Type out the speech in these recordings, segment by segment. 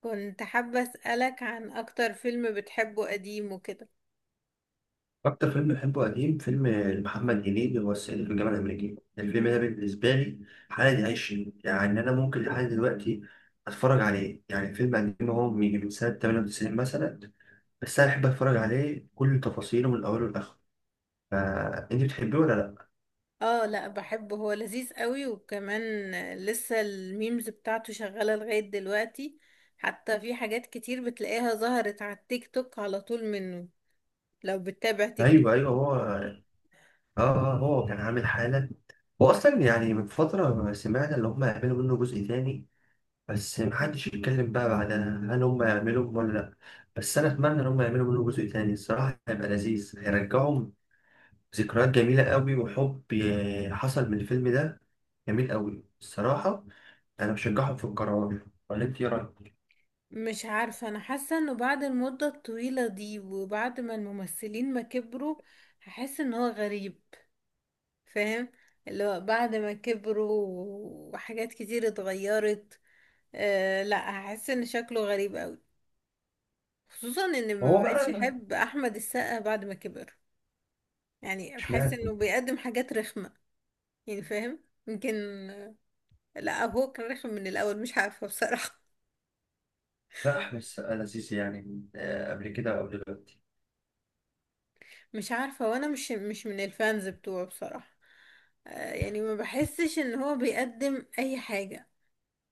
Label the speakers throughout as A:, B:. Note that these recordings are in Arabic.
A: كنت حابة أسألك عن أكتر فيلم بتحبه قديم وكده.
B: أكتر فيلم بحبه قديم، فيلم لمحمد هنيدي، هو الصعيدي في الجامعة الأمريكية. الفيلم ده بالنسبة لي حالة عيش، يعني أنا ممكن لحد دلوقتي أتفرج عليه. يعني فيلم قديم، هو من سنة 98 مثلا، بس أنا أحب أتفرج عليه كل تفاصيله من أوله لآخره. فأنت بتحبيه ولا لأ؟
A: اه، لا بحبه، هو لذيذ قوي. وكمان لسه الميمز بتاعته شغالة لغاية دلوقتي، حتى في حاجات كتير بتلاقيها ظهرت على التيك توك على طول منه، لو بتتابع تيك توك.
B: أيوه أيوه، هو آه، آه هو كان عامل حالة. هو أصلا يعني من فترة سمعنا إن هما هيعملوا منه جزء تاني، بس محدش يتكلم بقى بعدها هل هم يعملوا ولا لأ. بس أنا أتمنى إن هم يعملوا منه جزء تاني، الصراحة هيبقى لذيذ، هيرجعهم ذكريات جميلة قوي. حصل من الفيلم ده جميل قوي الصراحة. أنا بشجعهم في القرار، ولا أنت إيه رأيك؟
A: مش عارفة، أنا حاسة إنه بعد المدة الطويلة دي وبعد ما الممثلين ما كبروا هحس إن هو غريب. فاهم؟ اللي هو بعد ما كبروا وحاجات كتير اتغيرت. أه لا، هحس ان شكله غريب قوي، خصوصا ان
B: ما
A: ما
B: هو
A: بقتش
B: بقى.
A: احب احمد السقا بعد ما كبر. يعني بحس
B: اشمعنى؟
A: انه بيقدم حاجات رخمة. يعني فاهم؟ يمكن، لا، هو كان رخم من الاول، مش عارفة بصراحة.
B: لا، أحمد السقا لذيذ يعني، آه، قبل كده أو دلوقتي.
A: مش عارفة، وانا مش من الفانز بتوعه بصراحة. أه يعني ما بحسش ان هو بيقدم اي حاجة.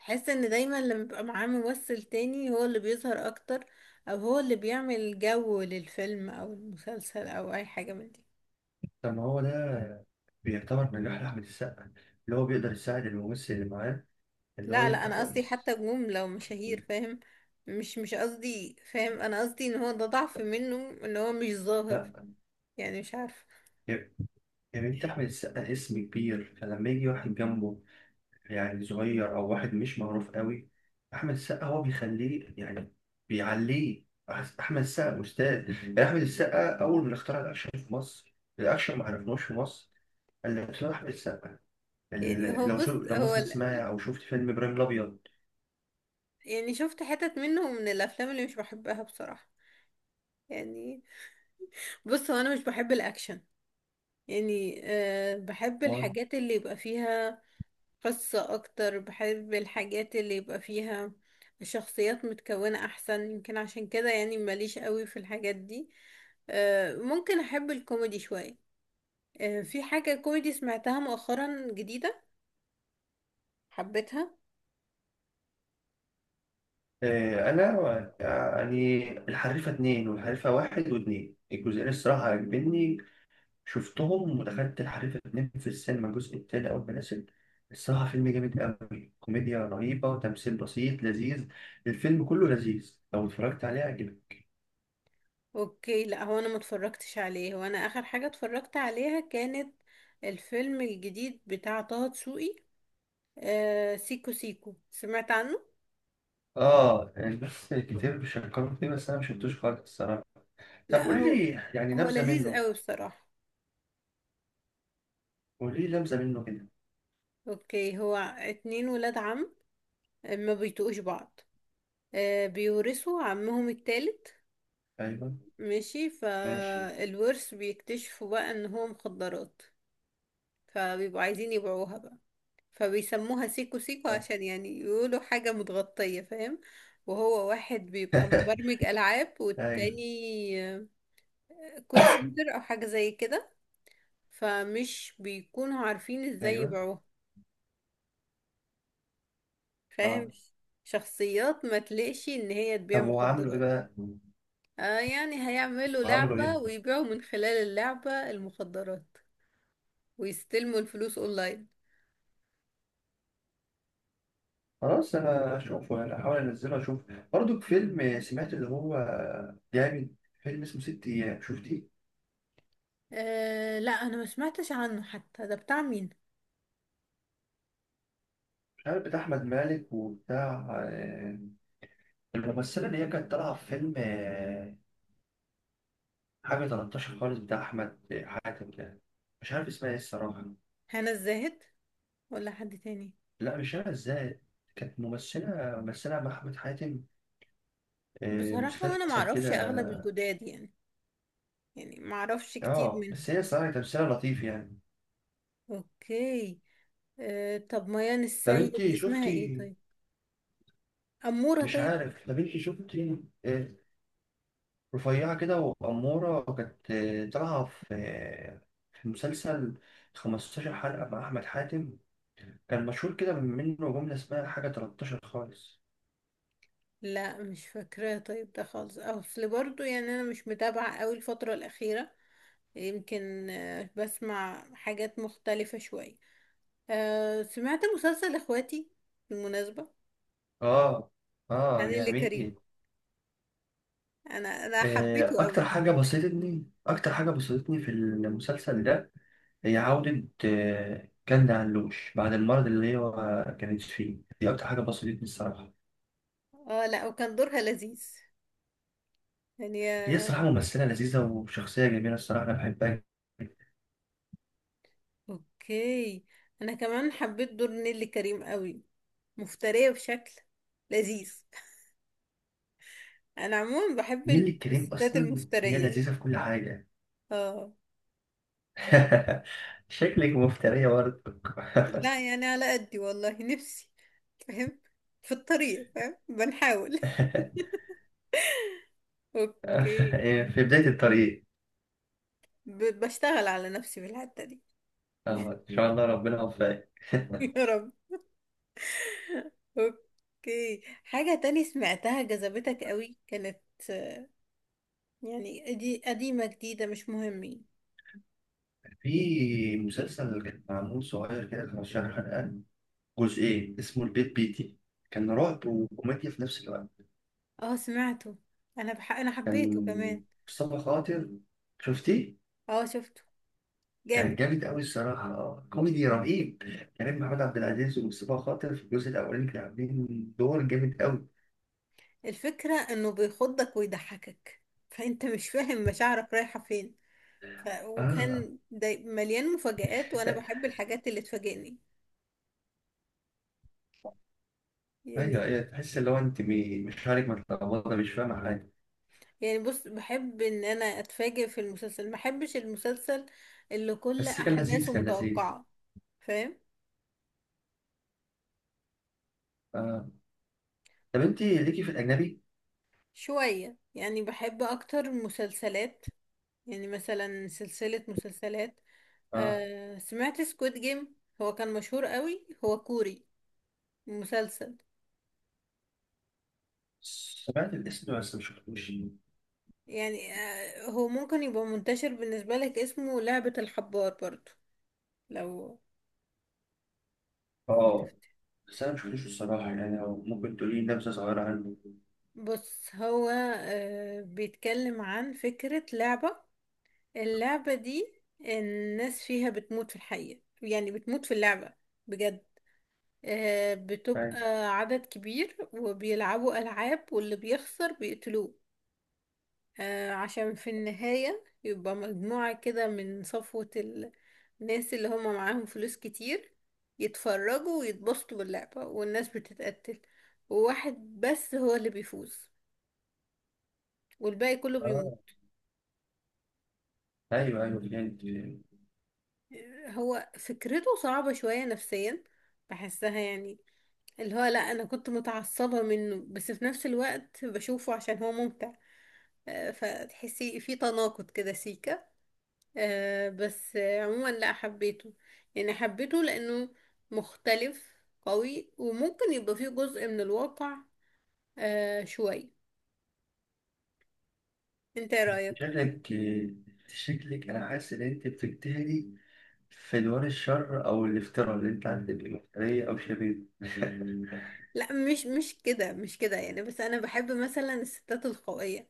A: بحس ان دايما لما بيبقى معاه ممثل تاني هو اللي بيظهر اكتر، او هو اللي بيعمل جو للفيلم او المسلسل او اي حاجة من دي.
B: طب ما هو ده بيعتبر نجاح لأحمد السقا، اللي هو بيقدر يساعد الممثل اللي معاه، اللي هو
A: لا لا،
B: يبقى
A: انا قصدي
B: كويس.
A: حتى نجوم لو مشاهير، فاهم؟ مش قصدي، فاهم، انا قصدي ان هو ده ضعف منه، ان هو مش ظاهر.
B: لا.
A: يعني مش عارفه.
B: يعني انت احمد السقا اسم كبير، فلما يجي واحد جنبه يعني صغير او واحد مش معروف قوي، احمد السقا هو بيخليه يعني، بيعليه. احمد السقا استاذ، يعني احمد السقا اول ما اخترع الاكشن في مصر، الاكشن ما عرفناش في مصر الا بسبب احمد السقا.
A: يعني هو، بص،
B: لو مثلا تسمعي او شفت فيلم ابراهيم الابيض.
A: يعني شفت حتت منه من الافلام اللي مش بحبها بصراحه. يعني بص، هو انا مش بحب الاكشن. يعني أه، بحب
B: طبعاً.
A: الحاجات اللي يبقى فيها قصة أكتر، بحب الحاجات اللي يبقى فيها شخصيات متكونة أحسن. يمكن عشان كده يعني ماليش قوي في الحاجات دي. آه، ممكن أحب الكوميدي شوية. آه، في حاجة كوميدي سمعتها مؤخرا جديدة، حبيتها.
B: آه، انا يعني الحريفه اتنين، والحريفه واحد واتنين الجزئين الصراحه عجبني. شفتهم، ودخلت الحريفة اتنين في السينما الجزء التاني أول ما نزل. الصراحة فيلم جامد أوي، كوميديا رهيبة، تمثيل بسيط لذيذ، الفيلم كله لذيذ، لو اتفرجت عليه هيعجبك.
A: أوكي، لا هو أنا متفرجتش عليه. هو أنا آخر حاجة اتفرجت عليها كانت الفيلم الجديد بتاع طه دسوقي. آه، سيكو سيكو، سمعت عنه؟
B: آه، الناس كتير بيشكروا فيه، بس أنا مشفتوش خالص الصراحة. طب
A: لا
B: قولي
A: هو،
B: لي يعني
A: هو
B: نبذة
A: لذيذ
B: منه.
A: قوي بصراحة.
B: قولي لي نبذة منه كده.
A: اوكي، هو اتنين ولاد عم ما بيتقوش بعض. آه، بيورثوا عمهم التالت.
B: أيوه.
A: ماشي،
B: ماشي.
A: فالورث بيكتشفوا بقى ان هو مخدرات. فبيبقوا عايزين يبيعوها بقى، فبيسموها سيكو سيكو عشان يعني يقولوا حاجة متغطية، فاهم؟ وهو واحد بيبقى مبرمج ألعاب،
B: أيوه.
A: والتاني آه، كول سنتر أو حاجة زي كده. فمش بيكونوا عارفين ازاي
B: أيوه.
A: يبيعوها، فاهم؟
B: آه.
A: شخصيات ما تلاقش ان هي تبيع
B: طب وعملوا إيه
A: مخدرات.
B: بقى؟
A: آه يعني هيعملوا
B: وعملوا
A: لعبة
B: إيه؟
A: ويبيعوا من خلال اللعبة المخدرات، ويستلموا الفلوس اونلاين.
B: خلاص انا اشوفه يعني، احاول انزله اشوف. برضو فيلم سمعت اللي هو جامد، فيلم اسمه ست ايام، شفتيه؟
A: آه لا، انا ما سمعتش عنه حتى. ده بتاع مين؟
B: مش عارف، بتاع احمد مالك وبتاع آه، الممثله اللي هي كانت طالعه في فيلم، آه، حاجه 13 خالص بتاع احمد حاتم ده. مش عارف اسمها ايه الصراحه.
A: هنا الزاهد ولا حد تاني؟
B: لا مش عارف ازاي، كانت ممثله مع احمد حاتم، آه،
A: بصراحة انا ما
B: مسلسل كده.
A: اعرفش اغلب الجداد يعني، يعني ما اعرفش كتير
B: اه،
A: منهم.
B: بس هي الصراحه تمثيلها لطيف يعني.
A: اوكي. آه طب ميان
B: طب
A: السيد
B: انت
A: اسمها ايه
B: شفتي،
A: طيب؟ أمورة
B: مش
A: طيب.
B: عارف، طب انت شفتي، آه، رفيعة كده وأمورة، وكانت طالعة في في مسلسل 15 حلقة مع أحمد حاتم، كان مشهور كده منه جملة اسمها حاجة 13 خالص.
A: لا مش فاكراها طيب ده خالص اصل، برضو يعني انا مش متابعة قوي الفترة الأخيرة. يمكن آه، بسمع حاجات مختلفة شوية. آه، سمعت مسلسل اخواتي بالمناسبة،
B: آه. آه
A: عن اللي كريم.
B: جميل.
A: انا
B: آه،
A: حبيته قوي.
B: أكتر حاجة بسطتني، أكتر حاجة بسطتني في المسلسل ده، هي عودة آه، كندا علوش بعد المرض اللي هي كانت فيه دي، أكتر حاجة بسطتني الصراحة.
A: اه لا، وكان دورها لذيذ يعني،
B: هي
A: آه.
B: الصراحة ممثلة لذيذة وشخصية جميلة الصراحة، أنا بحبها.
A: اوكي، انا كمان حبيت دور نيللي كريم قوي، مفترية بشكل لذيذ. انا عموما بحب
B: نيللي الكريم
A: الستات
B: اصلا هي
A: المفترية.
B: لذيذه في كل حاجه.
A: اه.
B: شكلك مفترية برضه.
A: لا يعني على قدي والله نفسي، فاهم؟ في الطريق، فاهم، بنحاول. اوكي،
B: في بداية الطريق.
A: بشتغل على نفسي في الحتة دي.
B: اه ان شاء الله، ربنا يوفقك.
A: يا رب. اوكي، حاجة تاني سمعتها جذبتك قوي كانت آه، يعني دي قديمة جديدة مش مهم يعني.
B: في مسلسل كان معمول صغير كده، 15 حلقة، جزئين، اسمه البيت بيتي، كان رعب وكوميديا في نفس الوقت.
A: اه سمعته، انا حبيته كمان.
B: كان مصطفى خاطر، شفتيه؟
A: اه شفته،
B: كان
A: جامد.
B: جامد أوي الصراحة، كوميدي رهيب، كريم محمود عبد العزيز ومصطفى خاطر في الجزء الأولاني كانوا عاملين دور جامد أوي.
A: الفكرة انه بيخضك ويضحكك، فانت مش فاهم مشاعرك رايحة فين.
B: آه.
A: وكان مليان مفاجآت، وانا بحب الحاجات اللي تفاجئني
B: ايوه
A: يعني.
B: ايوه، تحس اللي هو انت مش عارف، متلخبطه مش فاهمه حاجه.
A: يعني بص، بحب ان انا اتفاجئ في المسلسل، ما احبش المسلسل اللي كل
B: بس كان
A: احداثه
B: لذيذ، كان لذيذ.
A: متوقعة، فاهم؟
B: آه. طب انت ليكي في الاجنبي؟
A: شوية يعني، بحب اكتر مسلسلات، يعني مثلا سلسلة مسلسلات.
B: آه.
A: آه سمعت سكويد جيم، هو كان مشهور قوي، هو كوري مسلسل.
B: سمعت الاسم بس ما شفتوش.
A: يعني آه، هو ممكن يبقى منتشر بالنسبة لك، اسمه لعبة الحبار برضو، لو لو
B: اه
A: تفتكر.
B: بس انا ما شفتوش الصراحه، يعني لو ممكن تقولي لي نبذه صغيره عنه.
A: بص هو، آه بيتكلم عن فكرة لعبة. اللعبة دي الناس فيها بتموت في الحقيقة، يعني بتموت في اللعبة بجد. آه،
B: أيوة.
A: بتبقى عدد كبير وبيلعبوا ألعاب، واللي بيخسر بيقتلوه. آه، عشان في النهاية يبقى مجموعة كده من صفوة الناس اللي هم معاهم فلوس كتير، يتفرجوا ويتبسطوا باللعبة، والناس بتتقتل. وواحد بس هو اللي بيفوز، والباقي كله بيموت.
B: اه ايوه ايوه فهمت.
A: آه، هو فكرته صعبة شوية نفسيا، بحسها يعني. اللي هو لا، انا كنت متعصبة منه، بس في نفس الوقت بشوفه عشان هو ممتع. آه، فتحسي في تناقض كده سيكا. آه، بس آه، عموما لا حبيته، يعني حبيته لانه مختلف قوي، وممكن يبقى فيه جزء من الواقع آه، شوي. انت ايه رأيك؟
B: شكلك، شكلك انا حاسس ان انت بتجتهدي في دوار الشر، او الافتراء اللي انت عندك مفترية او شبيه.
A: لا مش مش كده، مش كده يعني، بس انا بحب مثلا الستات القوية.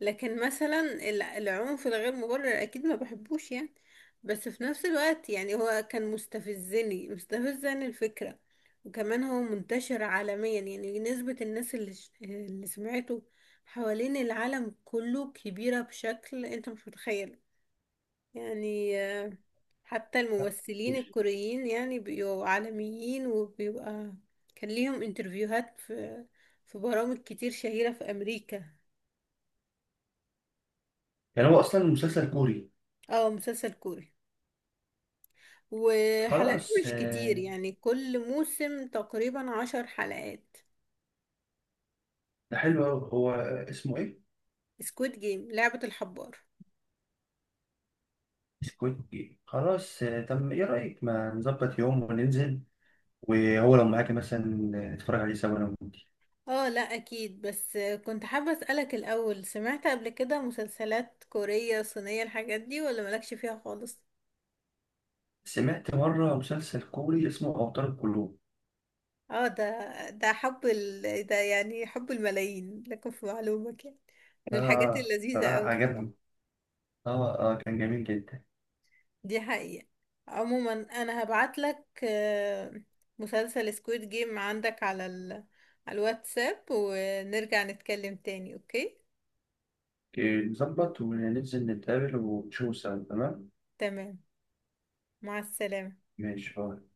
A: لكن مثلا العنف الغير مبرر اكيد ما بحبوش يعني. بس في نفس الوقت يعني هو كان مستفزني الفكرة. وكمان هو منتشر عالميا، يعني نسبة الناس اللي، اللي سمعته حوالين العالم كله كبيرة بشكل انت مش متخيل يعني. آه، حتى الممثلين الكوريين يعني بيبقوا عالميين، وبيبقى كان ليهم انترفيوهات في في برامج كتير شهيرة في أمريكا.
B: يعني هو اصلا مسلسل كوري.
A: اه مسلسل كوري، وحلقاته
B: خلاص
A: مش كتير
B: آه،
A: يعني، كل موسم تقريبا 10 حلقات.
B: ده حلو أوي هو، اسمه إيه؟
A: سكويد جيم، لعبة الحبار.
B: سكويد جيم. خلاص آه، طب إيه رأيك ما نظبط يوم وننزل، وهو لو معاكي مثلا نتفرج عليه سوا أنا وأنت.
A: اه لا اكيد، بس كنت حابة اسألك الاول، سمعت قبل كده مسلسلات كورية صينية الحاجات دي ولا مالكش فيها خالص؟
B: سمعت مرة مسلسل كوري اسمه أوتار القلوب.
A: اه ده، ده يعني حب الملايين لكم في معلومك يعني، من الحاجات
B: آه
A: اللذيذة
B: صراحة
A: اوي
B: عجبني،
A: الصراحة.
B: آه آه كان جميل جدا.
A: دي حقيقة. عموما انا هبعت لك آه، مسلسل سكويد جيم عندك على على الواتساب، ونرجع نتكلم تاني اوكي؟
B: آه، نظبط وننزل نتقابل ونشوف سوا تمام؟
A: تمام، مع السلامة.
B: ماشي خلاص.